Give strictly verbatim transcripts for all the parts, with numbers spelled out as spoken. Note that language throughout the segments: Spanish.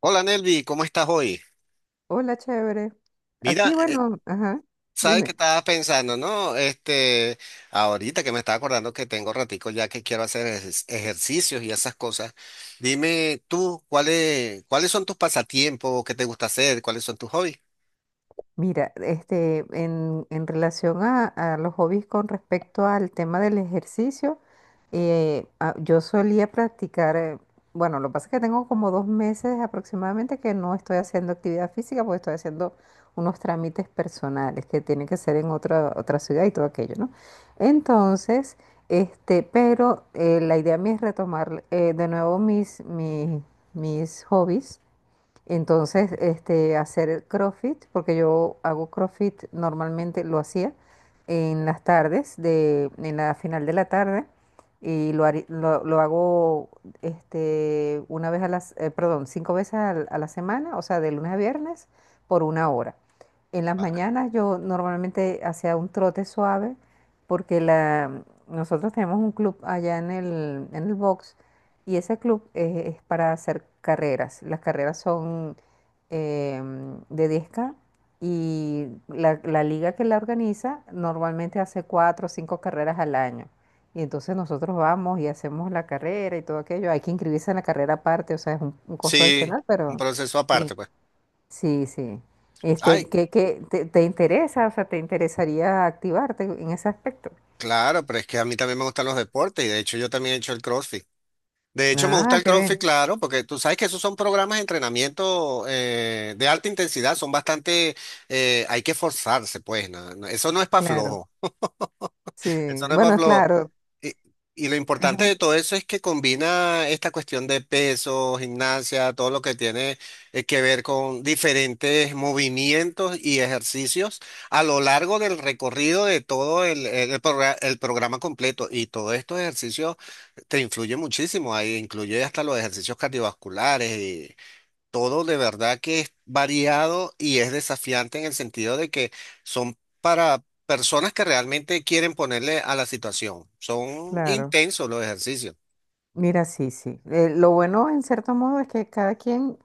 Hola Nelvi, ¿cómo estás hoy? Hola, chévere. Mira, Aquí, eh, bueno, ajá, sabes que dime. estaba pensando, ¿no? Este, ahorita que me estaba acordando que tengo ratico ya que quiero hacer ejer- ejercicios y esas cosas. Dime tú, ¿cuáles, cuáles son tus pasatiempos? ¿Qué te gusta hacer? ¿Cuáles son tus hobbies? Mira, este, en, en relación a, a los hobbies con respecto al tema del ejercicio, eh, ah, yo solía practicar, eh, bueno, lo que pasa es que tengo como dos meses aproximadamente que no estoy haciendo actividad física porque estoy haciendo unos trámites personales que tienen que ser en otra, otra ciudad y todo aquello, ¿no? Entonces, este, pero eh, la idea mía es retomar eh, de nuevo mis, mis, mis hobbies. Entonces, este, hacer CrossFit, porque yo hago CrossFit normalmente, lo hacía en las tardes, de, en la final de la tarde, y lo, hari- lo, lo hago este, una vez a las, eh, perdón, cinco veces al- a la semana, o sea, de lunes a viernes, por una hora. En las Ah, mañanas yo normalmente hacía un trote suave, porque la, nosotros tenemos un club allá en el, en el box, y ese club eh, es para hacer carreras. Las carreras son em, de diez K, y la, la liga que la organiza normalmente hace cuatro o cinco carreras al año. Y entonces nosotros vamos y hacemos la carrera y todo aquello. Hay que inscribirse en la carrera aparte, o sea, es un, un costo sí, adicional, un pero proceso aparte, sí, pues. sí. Sí. Este, Ay, ¿qué, qué te, te interesa? O sea, ¿te interesaría activarte en ese aspecto? claro, pero es que a mí también me gustan los deportes y de hecho yo también he hecho el CrossFit. De hecho, me gusta Ah, el qué CrossFit, bien, claro, porque tú sabes que esos son programas de entrenamiento eh, de alta intensidad, son bastante, eh, hay que forzarse, pues, na- na- eso no es para claro. flojo. Sí, Entonces, bueno, es Pablo, claro. y, y lo importante Ajá, de todo eso es que combina esta cuestión de peso, gimnasia, todo lo que tiene eh, que ver con diferentes movimientos y ejercicios a lo largo del recorrido de todo el, el- el progra- el programa completo. Y todos estos ejercicios te influyen muchísimo, ahí incluye hasta los ejercicios cardiovasculares, todo de verdad que es variado y es desafiante en el sentido de que son para personas que realmente quieren ponerle a la situación. Son claro. intensos los ejercicios. Mira, sí, sí. Eh, lo bueno, en cierto modo, es que cada quien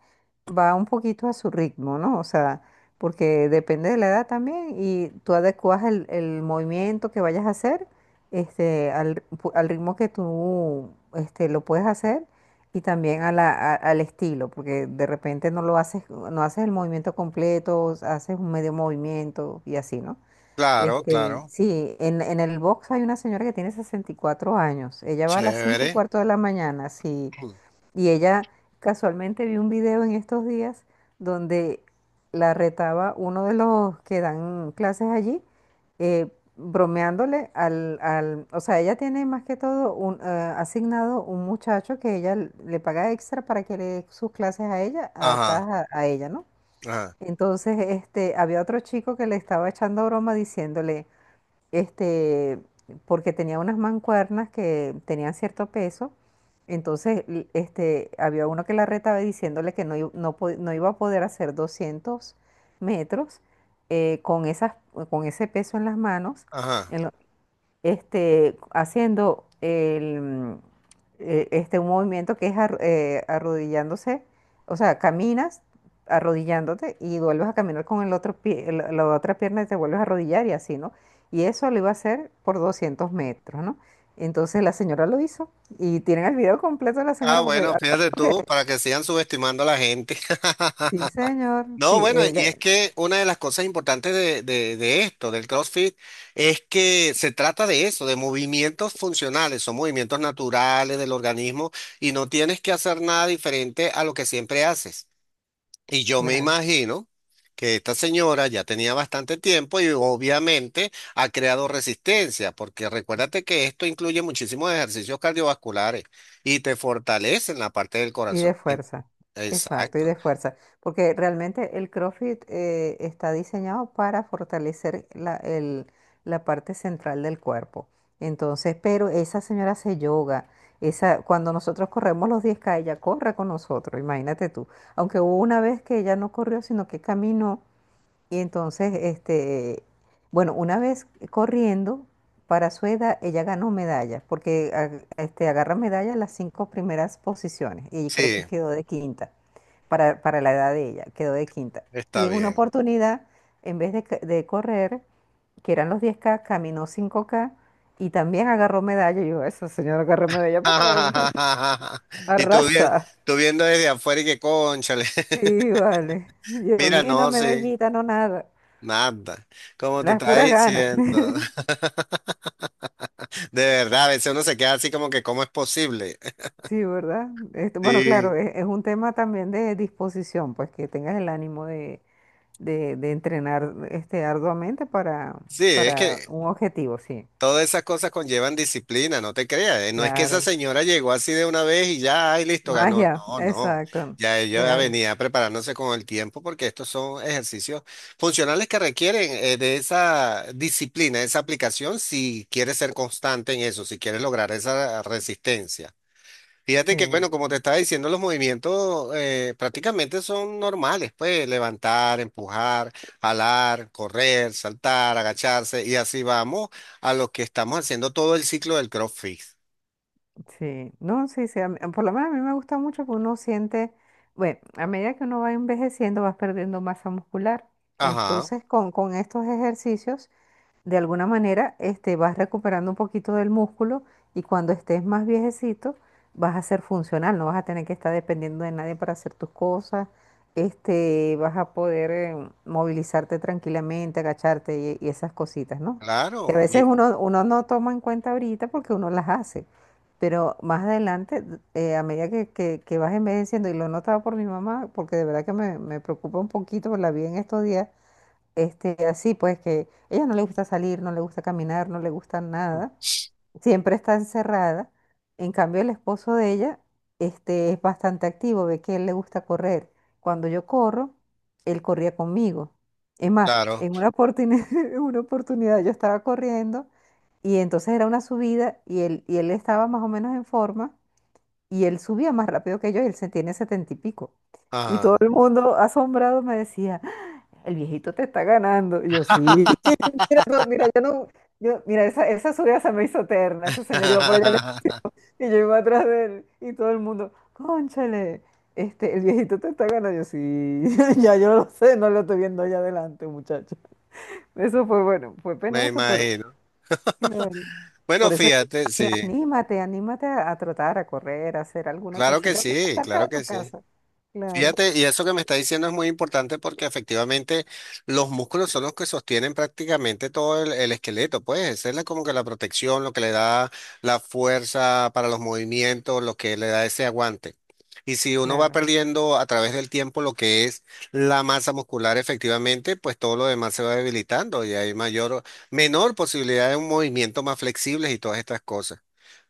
va un poquito a su ritmo, ¿no? O sea, porque depende de la edad también y tú adecuas el, el movimiento que vayas a hacer, este, al, pu- al ritmo que tú este, lo puedes hacer, y también a la, a- al estilo, porque de repente no lo haces, no haces el movimiento completo, haces un medio movimiento y así, ¿no? Claro, Este, claro. Sí, en, en el box hay una señora que tiene sesenta y cuatro años. Ella va a las cinco y Chévere. cuarto de la mañana, sí. Y ella, casualmente, vi un video en estos días donde la retaba uno de los que dan clases allí, eh, bromeándole al, al... O sea, ella tiene más que todo un, eh, asignado un muchacho que ella l- le paga extra para que le dé sus clases a ella, Ajá, adaptadas a, a ella, ¿no? ajá, Entonces, este, había otro chico que le estaba echando broma diciéndole, este, porque tenía unas mancuernas que tenían cierto peso, entonces, l- este, había uno que la retaba diciéndole que no, i- no, po- no iba a poder hacer doscientos metros eh, con esas, con ese peso en las manos, ajá. en, lo- este, haciendo el, eh, este, un movimiento que es ar- eh, arrodillándose, o sea, caminas arrodillándote y vuelves a caminar con el otro pie, el- la otra pierna, y te vuelves a arrodillar y así, ¿no? Y eso lo iba a hacer por doscientos metros, ¿no? Entonces la señora lo hizo y tienen el video completo de la Ah, señora porque, bueno, ah, fíjate tú, para que sigan subestimando a la gente. sí, señor, No, sí, bueno, y es ella, que una de las cosas importantes de, de- de esto, del CrossFit, es que se trata de eso, de movimientos funcionales, son movimientos naturales del organismo y no tienes que hacer nada diferente a lo que siempre haces. Y yo me claro. imagino que esta señora ya tenía bastante tiempo y obviamente ha creado resistencia, porque recuérdate que esto incluye muchísimos ejercicios cardiovasculares y te fortalecen la parte del Y corazón. de En... fuerza, exacto, y Exacto. de fuerza, porque realmente el CrossFit eh, está diseñado para fortalecer la, el- la parte central del cuerpo. Entonces, pero esa señora hace yoga, esa, cuando nosotros corremos los diez k, ella corre con nosotros, imagínate tú. Aunque hubo una vez que ella no corrió, sino que caminó, y entonces, este, bueno, una vez corriendo, para su edad, ella ganó medallas, porque ag- este, agarra medallas en las cinco primeras posiciones, y creo Sí, que quedó de quinta, para, para la edad de ella, quedó de quinta. Y está en una bien. oportunidad, en vez de, ca- de correr, que eran los diez K, caminó cinco K, y también agarró medalla. Y yo, esa señora agarró medalla para todo, muchacho. Y tú, bien, Arrasa. tú viendo desde afuera y que cónchale. Sí, vale. Yo Mira, ni una no, sí, medallita, no nada. nada. Como te Las estaba puras ganas. diciendo. De verdad, a veces uno se queda así como que, ¿cómo es posible? Sí, ¿verdad? Este, bueno, Sí, claro, es, es un tema también de disposición, pues que tengas el ánimo de, de, de entrenar, este, arduamente, para, sí, es para que un objetivo, sí, todas esas cosas conllevan disciplina, no te creas. eh, No es que esa claro. señora llegó así de una vez y ya, ay, listo, ganó. Magia, No, no. exacto, Ya ella claro, venía preparándose con el tiempo porque estos son ejercicios funcionales que requieren eh, de esa disciplina, esa aplicación, si quieres ser constante en eso, si quieres lograr esa resistencia. Fíjate que, sí, bueno, como te estaba diciendo, los movimientos eh, prácticamente son normales, pues levantar, empujar, jalar, correr, saltar, agacharse, y así vamos a lo que estamos haciendo todo el ciclo del CrossFit. sí. No, sí, sí, a mí- por lo menos a mí me gusta mucho, porque uno siente, bueno, a medida que uno va envejeciendo vas perdiendo masa muscular. Ajá, Entonces, con, con estos ejercicios, de alguna manera, este, vas recuperando un poquito del músculo, y cuando estés más viejecito vas a ser funcional, no vas a tener que estar dependiendo de nadie para hacer tus cosas, este, vas a poder eh, movilizarte tranquilamente, agacharte, y, y esas cositas, ¿no? Que a claro, veces y... uno, uno no toma en cuenta ahorita porque uno las hace, pero más adelante, eh, a medida que, que- que vas envejeciendo, y lo he notado por mi mamá, porque de verdad que me, me preocupa un poquito, la vi en estos días, este, así pues que ella no le gusta salir, no le gusta caminar, no le gusta nada, siempre está encerrada. En cambio, el esposo de ella, este, es bastante activo, ve que a él le gusta correr. Cuando yo corro, él corría conmigo. Es más, claro, en una oportunidad, una oportunidad yo estaba corriendo y entonces era una subida, y él, y él estaba más o menos en forma, y él subía más rápido que yo, y él se tiene setenta y pico. Y ajá. todo el mundo asombrado me decía, el viejito te está ganando. Y yo, sí. Mira, no, mira, yo no, yo, mira, esa, esa subida se me hizo eterna. Ese señor iba por allá y yo iba atrás de él. Y todo el mundo, cónchale, este, el viejito te está ganando. Yo, sí, ya yo lo sé, no lo estoy viendo allá adelante, muchacho. Eso fue bueno, fue Me penoso, pero imagino. claro. Bueno, Por eso, fíjate, sí, anímate, anímate a, a tratar, a correr, a hacer alguna claro que cosita sí, fuera claro de tu que sí. casa. Claro, Fíjate, y eso que me está diciendo es muy importante porque efectivamente los músculos son los que sostienen prácticamente todo el, el esqueleto, pues esa es la- como que la protección, lo que le da la fuerza para los movimientos, lo que le da ese aguante. Y si uno va claro, perdiendo a través del tiempo lo que es la masa muscular, efectivamente, pues todo lo demás se va debilitando y hay mayor, menor posibilidad de un movimiento más flexibles y todas estas cosas.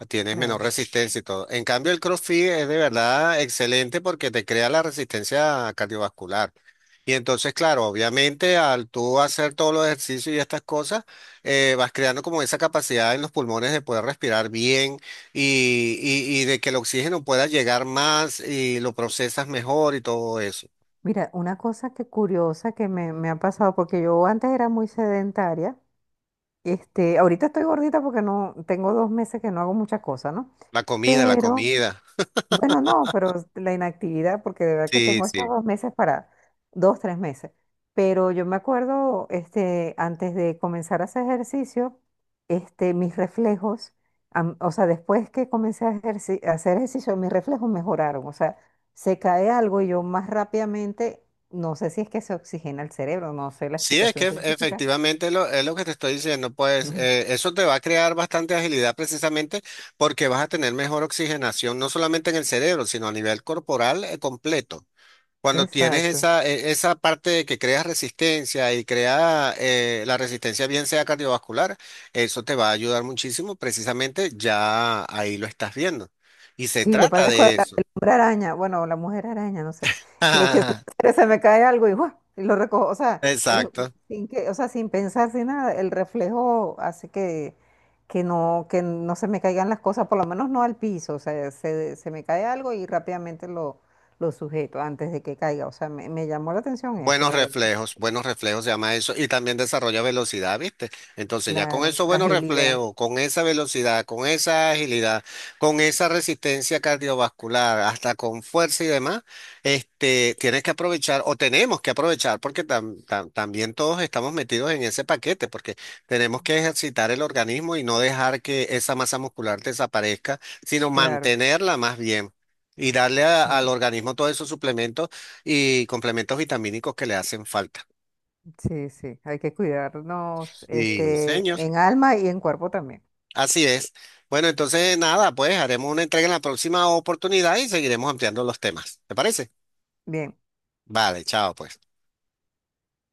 Tienes menor claro. resistencia y todo. En cambio, el CrossFit es de verdad excelente porque te crea la resistencia cardiovascular. Y entonces, claro, obviamente al tú hacer todos los ejercicios y estas cosas, eh, vas creando como esa capacidad en los pulmones de poder respirar bien y, y y de que el oxígeno pueda llegar más y lo procesas mejor y todo eso. Mira, una cosa que curiosa que me, me ha pasado, porque yo antes era muy sedentaria, este, ahorita estoy gordita porque no, tengo dos meses que no hago muchas cosas, ¿no? Sí. La comida, la Pero comida. bueno, no, pero la inactividad, porque de verdad que Sí, tengo estos sí. dos meses para, dos, tres meses. Pero yo me acuerdo, este, antes de comenzar a hacer ejercicio, este, mis reflejos, am- o sea, después que comencé a, ejerci- a hacer ejercicio, mis reflejos mejoraron. O sea, se cae algo y yo más rápidamente, no sé si es que se oxigena el cerebro, no sé la Sí, es explicación que científica. efectivamente lo- es lo que te estoy diciendo, pues eh, eso te va a crear bastante agilidad precisamente porque vas a tener mejor oxigenación, no solamente en el cerebro, sino a nivel corporal eh, completo. Cuando tienes Exacto. esa, eh, esa parte de que creas resistencia y crea eh, la resistencia bien sea cardiovascular, eso te va a ayudar muchísimo, precisamente ya ahí lo estás viendo. Y se Sí, yo trata parezco el de eso. hombre araña, bueno, o la mujer araña, no sé, que, que se, se me cae algo y, ¡guau!, y lo recojo, o sea, es Exacto. sin que, o sea, sin pensar, sin nada, el reflejo hace que, que no, que no se me caigan las cosas, por lo menos no al piso, o sea, se, se me cae algo y rápidamente lo, lo sujeto antes de que caiga, o sea, me, me llamó la atención eso, Buenos de verdad. reflejos, buenos reflejos se llama eso, y también desarrolla velocidad, ¿viste? Entonces ya con Claro, esos buenos agilidad, reflejos, con esa velocidad, con esa agilidad, con esa resistencia cardiovascular, hasta con fuerza y demás, este, tienes que aprovechar, o tenemos que aprovechar, porque tam- tam- también todos estamos metidos en ese paquete, porque tenemos que ejercitar el organismo y no dejar que esa masa muscular desaparezca, sino claro, mantenerla más bien. Y darle a- al sí, organismo todos esos suplementos y complementos vitamínicos que le hacen falta. sí, sí, hay que cuidarnos, Sí, este, señor. en alma y en cuerpo también. Así es. Bueno, entonces nada, pues haremos una entrega en la próxima oportunidad y seguiremos ampliando los temas. ¿Te parece? Bien. Vale, chao, pues.